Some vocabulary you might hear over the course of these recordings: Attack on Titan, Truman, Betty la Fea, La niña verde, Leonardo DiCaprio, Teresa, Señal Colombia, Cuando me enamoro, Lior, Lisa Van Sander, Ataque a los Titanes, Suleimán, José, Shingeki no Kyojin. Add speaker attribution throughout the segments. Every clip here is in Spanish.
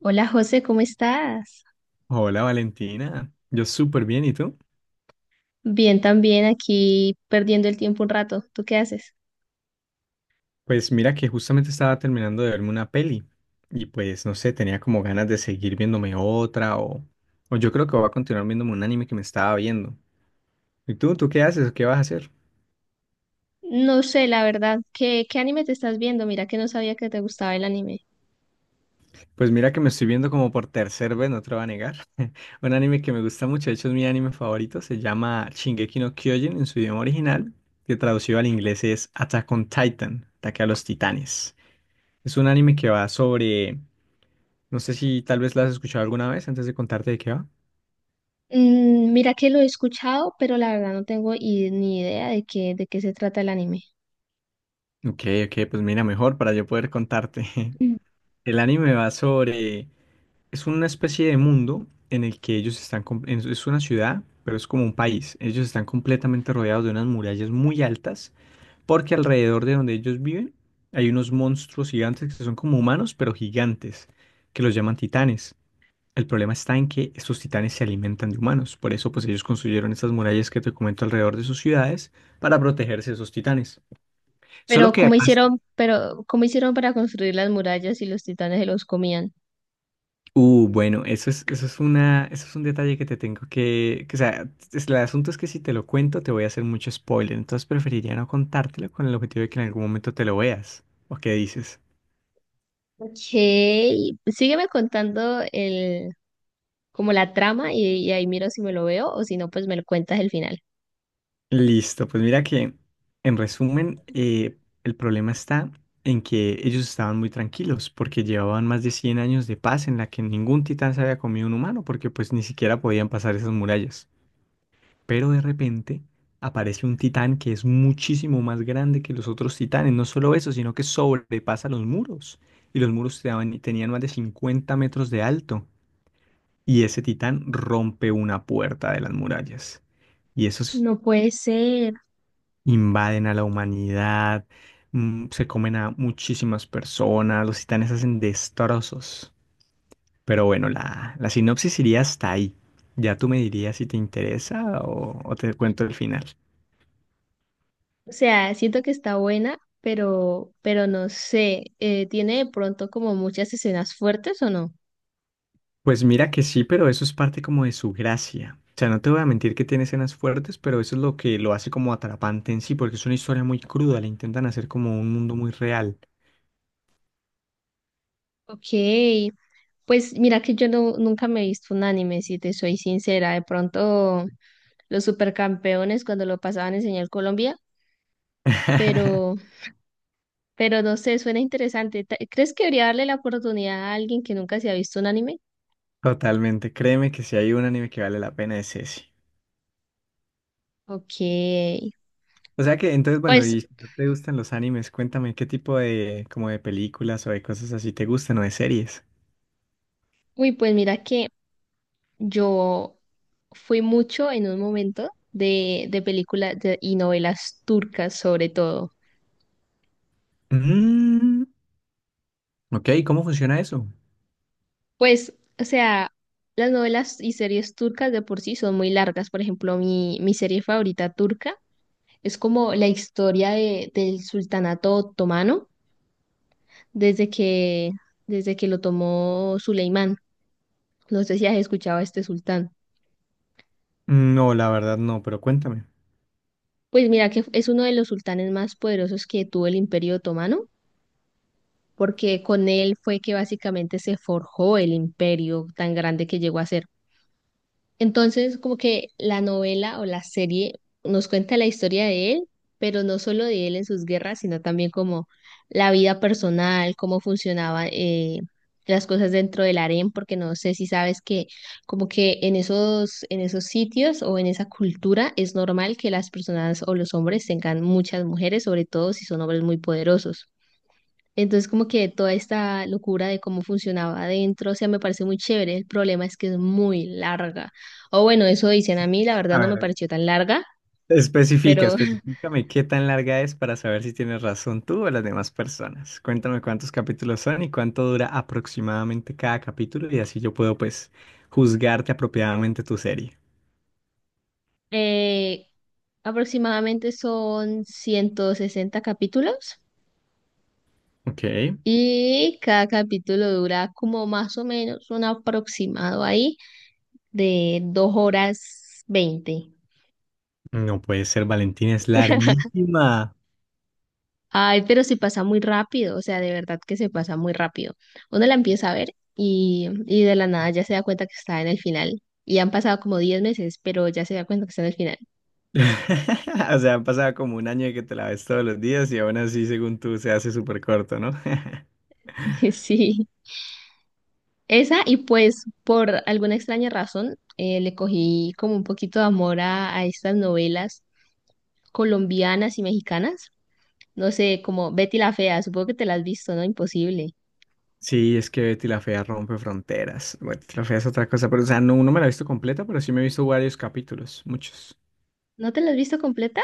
Speaker 1: Hola José, ¿cómo estás?
Speaker 2: Hola Valentina, yo súper bien, ¿y tú?
Speaker 1: Bien, también aquí perdiendo el tiempo un rato. ¿Tú qué haces?
Speaker 2: Pues mira que justamente estaba terminando de verme una peli y pues no sé, tenía como ganas de seguir viéndome otra o yo creo que voy a continuar viéndome un anime que me estaba viendo. ¿Y tú? ¿Tú qué haces? ¿O qué vas a hacer?
Speaker 1: No sé, la verdad, ¿qué anime te estás viendo? Mira que no sabía que te gustaba el anime.
Speaker 2: Pues mira que me estoy viendo como por tercer vez, no te lo voy a negar. Un anime que me gusta mucho, de hecho es mi anime favorito, se llama Shingeki no Kyojin en su idioma original, que traducido al inglés es Attack on Titan, Ataque a los Titanes. Es un anime que va sobre... No sé si tal vez la has escuchado alguna vez antes de contarte de qué va.
Speaker 1: Mira que lo he escuchado, pero la verdad no tengo ni idea de qué se trata el anime.
Speaker 2: Ok, ok, pues mira, mejor para yo poder contarte.
Speaker 1: Mm.
Speaker 2: El anime va sobre... Es una especie de mundo en el que ellos están... Es una ciudad, pero es como un país. Ellos están completamente rodeados de unas murallas muy altas, porque alrededor de donde ellos viven hay unos monstruos gigantes que son como humanos, pero gigantes, que los llaman titanes. El problema está en que estos titanes se alimentan de humanos, por eso pues ellos construyeron estas murallas que te comento alrededor de sus ciudades para protegerse de esos titanes. Solo
Speaker 1: Pero
Speaker 2: que
Speaker 1: ¿cómo
Speaker 2: pasa,
Speaker 1: hicieron, pero cómo hicieron para construir las murallas y los titanes se los comían?
Speaker 2: bueno, eso es un detalle que o sea, el asunto es que si te lo cuento te voy a hacer mucho spoiler, entonces preferiría no contártelo con el objetivo de que en algún momento te lo veas. ¿O qué dices?
Speaker 1: Ok, sígueme contando como la trama y ahí miro si me lo veo o si no, pues me lo cuentas el final.
Speaker 2: Listo, pues mira que en resumen el problema está en que ellos estaban muy tranquilos porque llevaban más de 100 años de paz en la que ningún titán se había comido un humano porque pues ni siquiera podían pasar esas murallas. Pero de repente aparece un titán que es muchísimo más grande que los otros titanes, no solo eso, sino que sobrepasa los muros, y los muros tenían más de 50 metros de alto y ese titán rompe una puerta de las murallas. Y eso,
Speaker 1: No puede ser.
Speaker 2: invaden a la humanidad, se comen a muchísimas personas, los titanes hacen destrozos. Pero bueno, la sinopsis iría hasta ahí. Ya tú me dirías si te interesa o te cuento el final.
Speaker 1: O sea, siento que está buena, pero no sé, ¿tiene de pronto como muchas escenas fuertes o no?
Speaker 2: Pues mira que sí, pero eso es parte como de su gracia. O sea, no te voy a mentir que tiene escenas fuertes, pero eso es lo que lo hace como atrapante en sí, porque es una historia muy cruda, le intentan hacer como un mundo muy real.
Speaker 1: Ok, pues mira que yo no, nunca me he visto un anime, si te soy sincera, de pronto los supercampeones cuando lo pasaban en Señal Colombia, pero, pero no sé, suena interesante. ¿Crees que debería darle la oportunidad a alguien que nunca se ha visto un anime?
Speaker 2: Totalmente, créeme que si hay un anime que vale la pena es ese.
Speaker 1: Ok,
Speaker 2: O sea que, entonces, bueno,
Speaker 1: pues,
Speaker 2: y si no te gustan los animes, cuéntame qué tipo de, como de películas o de cosas así te gustan o de series.
Speaker 1: uy, pues mira que... Yo fui mucho en un momento de películas y novelas turcas sobre todo.
Speaker 2: Mm, ok, ¿cómo funciona eso?
Speaker 1: Pues, o sea, las novelas y series turcas de por sí son muy largas. Por ejemplo, mi serie favorita turca es como la historia del sultanato otomano desde que, desde que lo tomó Suleimán. No sé si has escuchado a este sultán.
Speaker 2: No, la verdad no, pero cuéntame.
Speaker 1: Pues mira que es uno de los sultanes más poderosos que tuvo el Imperio Otomano porque con él fue que básicamente se forjó el imperio tan grande que llegó a ser. Entonces, como que la novela o la serie nos cuenta la historia de él, pero no solo de él en sus guerras, sino también como la vida personal, cómo funcionaban las cosas dentro del harén, porque no sé si sabes que como que en esos sitios o en esa cultura es normal que las personas o los hombres tengan muchas mujeres, sobre todo si son hombres muy poderosos. Entonces, como que toda esta locura de cómo funcionaba adentro, o sea, me parece muy chévere. El problema es que es muy larga. O bueno, eso dicen a mí, la verdad
Speaker 2: A
Speaker 1: no me
Speaker 2: ver,
Speaker 1: pareció tan larga,
Speaker 2: especifica,
Speaker 1: pero
Speaker 2: especifícame qué tan larga es para saber si tienes razón tú o las demás personas. Cuéntame cuántos capítulos son y cuánto dura aproximadamente cada capítulo y así yo puedo pues juzgarte apropiadamente tu serie.
Speaker 1: eh, aproximadamente son 160 capítulos
Speaker 2: Ok,
Speaker 1: y cada capítulo dura como más o menos un aproximado ahí de 2 horas 20.
Speaker 2: no puede ser, Valentina, es larguísima.
Speaker 1: Ay, pero se pasa muy rápido, o sea, de verdad que se pasa muy rápido. Uno la empieza a ver y de la nada ya se da cuenta que está en el final. Y han pasado como 10 meses, pero ya se da cuenta que está en el final.
Speaker 2: O sea, han pasado como un año de que te la ves todos los días y aún así, según tú, se hace súper corto, ¿no?
Speaker 1: Sí. Y pues por alguna extraña razón, le cogí como un poquito de amor a estas novelas colombianas y mexicanas. No sé, como Betty la Fea, supongo que te la has visto, ¿no? Imposible.
Speaker 2: Sí, es que Betty la Fea rompe fronteras. Betty la Fea es otra cosa, pero o sea, no, no me la he visto completa, pero sí me he visto varios capítulos, muchos.
Speaker 1: ¿No te la has visto completa?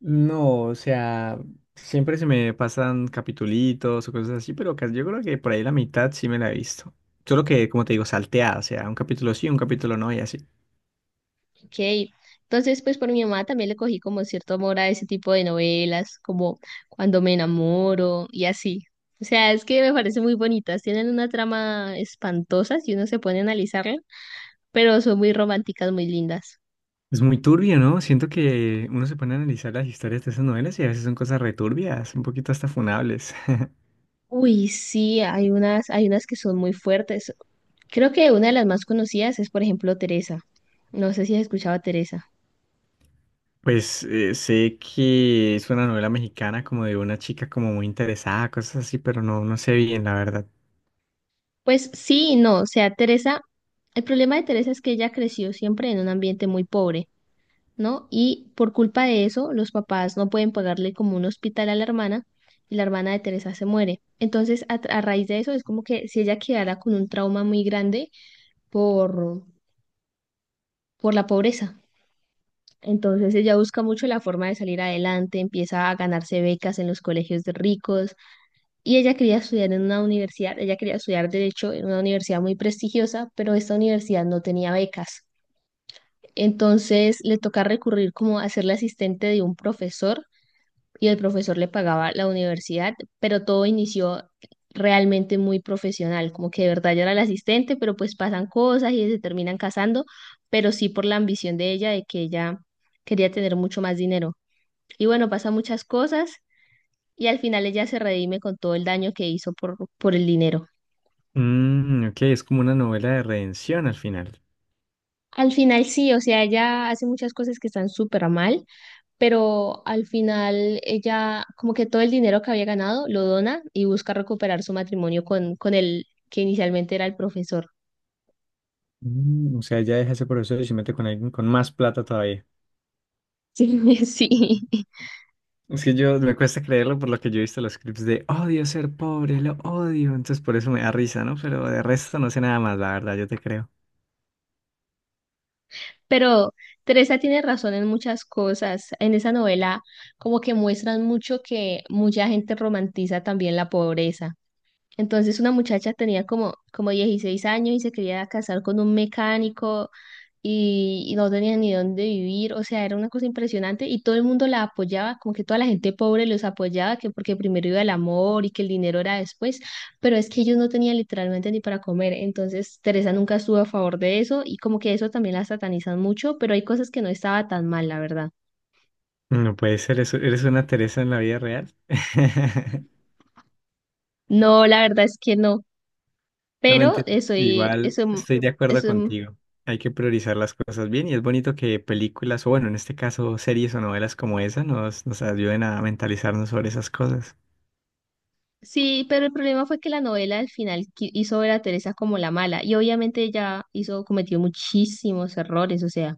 Speaker 2: No, o sea, siempre se me pasan capitulitos o cosas así, pero yo creo que por ahí la mitad sí me la he visto. Solo que, como te digo, salteada, o sea, un capítulo sí, un capítulo no y así.
Speaker 1: Ok, entonces pues por mi mamá también le cogí como cierto amor a ese tipo de novelas, como Cuando me enamoro y así. O sea, es que me parecen muy bonitas, tienen una trama espantosa si uno se pone a analizarla, pero son muy románticas, muy lindas.
Speaker 2: Es muy turbio, ¿no? Siento que uno se pone a analizar las historias de esas novelas y a veces son cosas returbias, un poquito hasta funables.
Speaker 1: Uy, sí, hay unas que son muy fuertes. Creo que una de las más conocidas es, por ejemplo, Teresa. No sé si has escuchado a Teresa.
Speaker 2: Pues sé que es una novela mexicana como de una chica como muy interesada, cosas así, pero no, no sé bien, la verdad.
Speaker 1: Pues sí y no, o sea, Teresa, el problema de Teresa es que ella creció siempre en un ambiente muy pobre, ¿no? Y por culpa de eso, los papás no pueden pagarle como un hospital a la hermana y la hermana de Teresa se muere. Entonces, a raíz de eso, es como que si ella quedara con un trauma muy grande por, por la pobreza. Entonces ella busca mucho la forma de salir adelante, empieza a ganarse becas en los colegios de ricos y ella quería estudiar en una universidad, ella quería estudiar derecho en una universidad muy prestigiosa, pero esta universidad no tenía becas. Entonces le toca recurrir como a ser la asistente de un profesor y el profesor le pagaba la universidad, pero todo inició realmente muy profesional, como que de verdad yo era la asistente, pero pues pasan cosas y se terminan casando, pero sí por la ambición de ella, de que ella quería tener mucho más dinero. Y bueno, pasan muchas cosas y al final ella se redime con todo el daño que hizo por el dinero.
Speaker 2: Mm, ok, es como una novela de redención al final.
Speaker 1: Al final sí, o sea, ella hace muchas cosas que están súper mal, pero al final ella como que todo el dinero que había ganado lo dona y busca recuperar su matrimonio con el que inicialmente era el profesor.
Speaker 2: Mm, o sea, ya deja ese profesor y se mete con alguien con más plata todavía.
Speaker 1: Sí, sí.
Speaker 2: Es que yo me cuesta creerlo por lo que yo he visto en los clips de odio ser pobre, lo odio. Entonces por eso me da risa, ¿no? Pero de resto no sé nada más, la verdad, yo te creo.
Speaker 1: Pero Teresa tiene razón en muchas cosas. En esa novela como que muestran mucho que mucha gente romantiza también la pobreza. Entonces una muchacha tenía como 16 años y se quería casar con un mecánico y no tenía ni dónde vivir, o sea, era una cosa impresionante y todo el mundo la apoyaba, como que toda la gente pobre los apoyaba, que porque primero iba el amor y que el dinero era después, pero es que ellos no tenían literalmente ni para comer, entonces Teresa nunca estuvo a favor de eso y como que eso también la satanizan mucho, pero hay cosas que no estaba tan mal, la verdad.
Speaker 2: No puede ser, eres una Teresa en la vida real.
Speaker 1: No, la verdad es que no,
Speaker 2: No me
Speaker 1: pero
Speaker 2: entiendo. Igual
Speaker 1: eso,
Speaker 2: estoy de acuerdo
Speaker 1: eso
Speaker 2: contigo. Hay que priorizar las cosas bien y es bonito que películas, o bueno, en este caso series o novelas como esa, nos ayuden a mentalizarnos sobre esas cosas.
Speaker 1: sí, pero el problema fue que la novela al final hizo ver a Teresa como la mala y obviamente ella hizo, cometió muchísimos errores, o sea,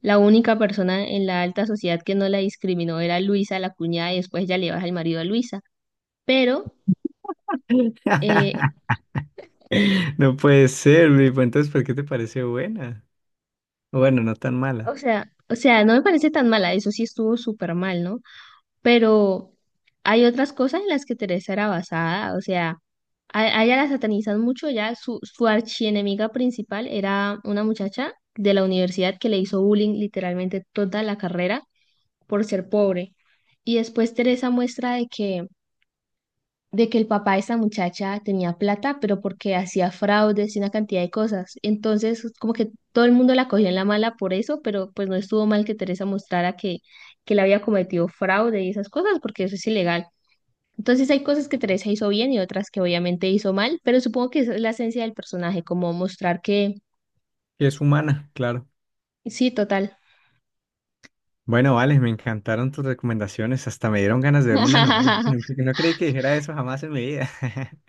Speaker 1: la única persona en la alta sociedad que no la discriminó era Luisa, la cuñada, y después ya le baja el marido a Luisa, pero, eh,
Speaker 2: No puede ser, Luis. Pues entonces, ¿por qué te parece buena? O bueno, no tan
Speaker 1: o
Speaker 2: mala.
Speaker 1: sea, o sea, no me parece tan mala, eso sí estuvo súper mal, ¿no? Pero hay otras cosas en las que Teresa era basada, o sea, a ella la satanizan mucho, ya su archienemiga principal era una muchacha de la universidad que le hizo bullying literalmente toda la carrera por ser pobre. Y después Teresa muestra de que el papá de esa muchacha tenía plata, pero porque hacía fraudes y una cantidad de cosas. Entonces, como que todo el mundo la cogió en la mala por eso, pero pues no estuvo mal que Teresa mostrara que le había cometido fraude y esas cosas, porque eso es ilegal. Entonces hay cosas que Teresa hizo bien y otras que obviamente hizo mal, pero supongo que esa es la esencia del personaje, como mostrar que
Speaker 2: Que es humana, claro.
Speaker 1: sí, total.
Speaker 2: Bueno, vale, me encantaron tus recomendaciones. Hasta me dieron ganas de verme una novela. No, no creí que dijera eso jamás en mi vida.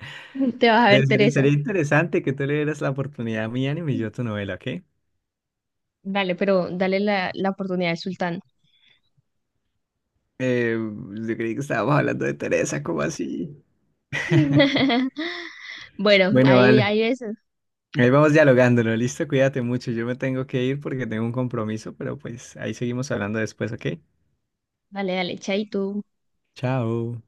Speaker 1: Te vas a
Speaker 2: Pero
Speaker 1: ver,
Speaker 2: sería,
Speaker 1: Teresa.
Speaker 2: sería interesante que tú le dieras la oportunidad a mi anime y yo a tu novela, ¿ok?
Speaker 1: Dale, pero dale la oportunidad al sultán.
Speaker 2: Yo creí que estábamos hablando de Teresa, ¿cómo así?
Speaker 1: Bueno,
Speaker 2: Bueno, bueno,
Speaker 1: ahí,
Speaker 2: vale.
Speaker 1: ahí ves.
Speaker 2: Ahí vamos dialogándolo, listo, cuídate mucho. Yo me tengo que ir porque tengo un compromiso, pero pues ahí seguimos hablando después, ¿ok?
Speaker 1: Dale, dale, chaito.
Speaker 2: Chao.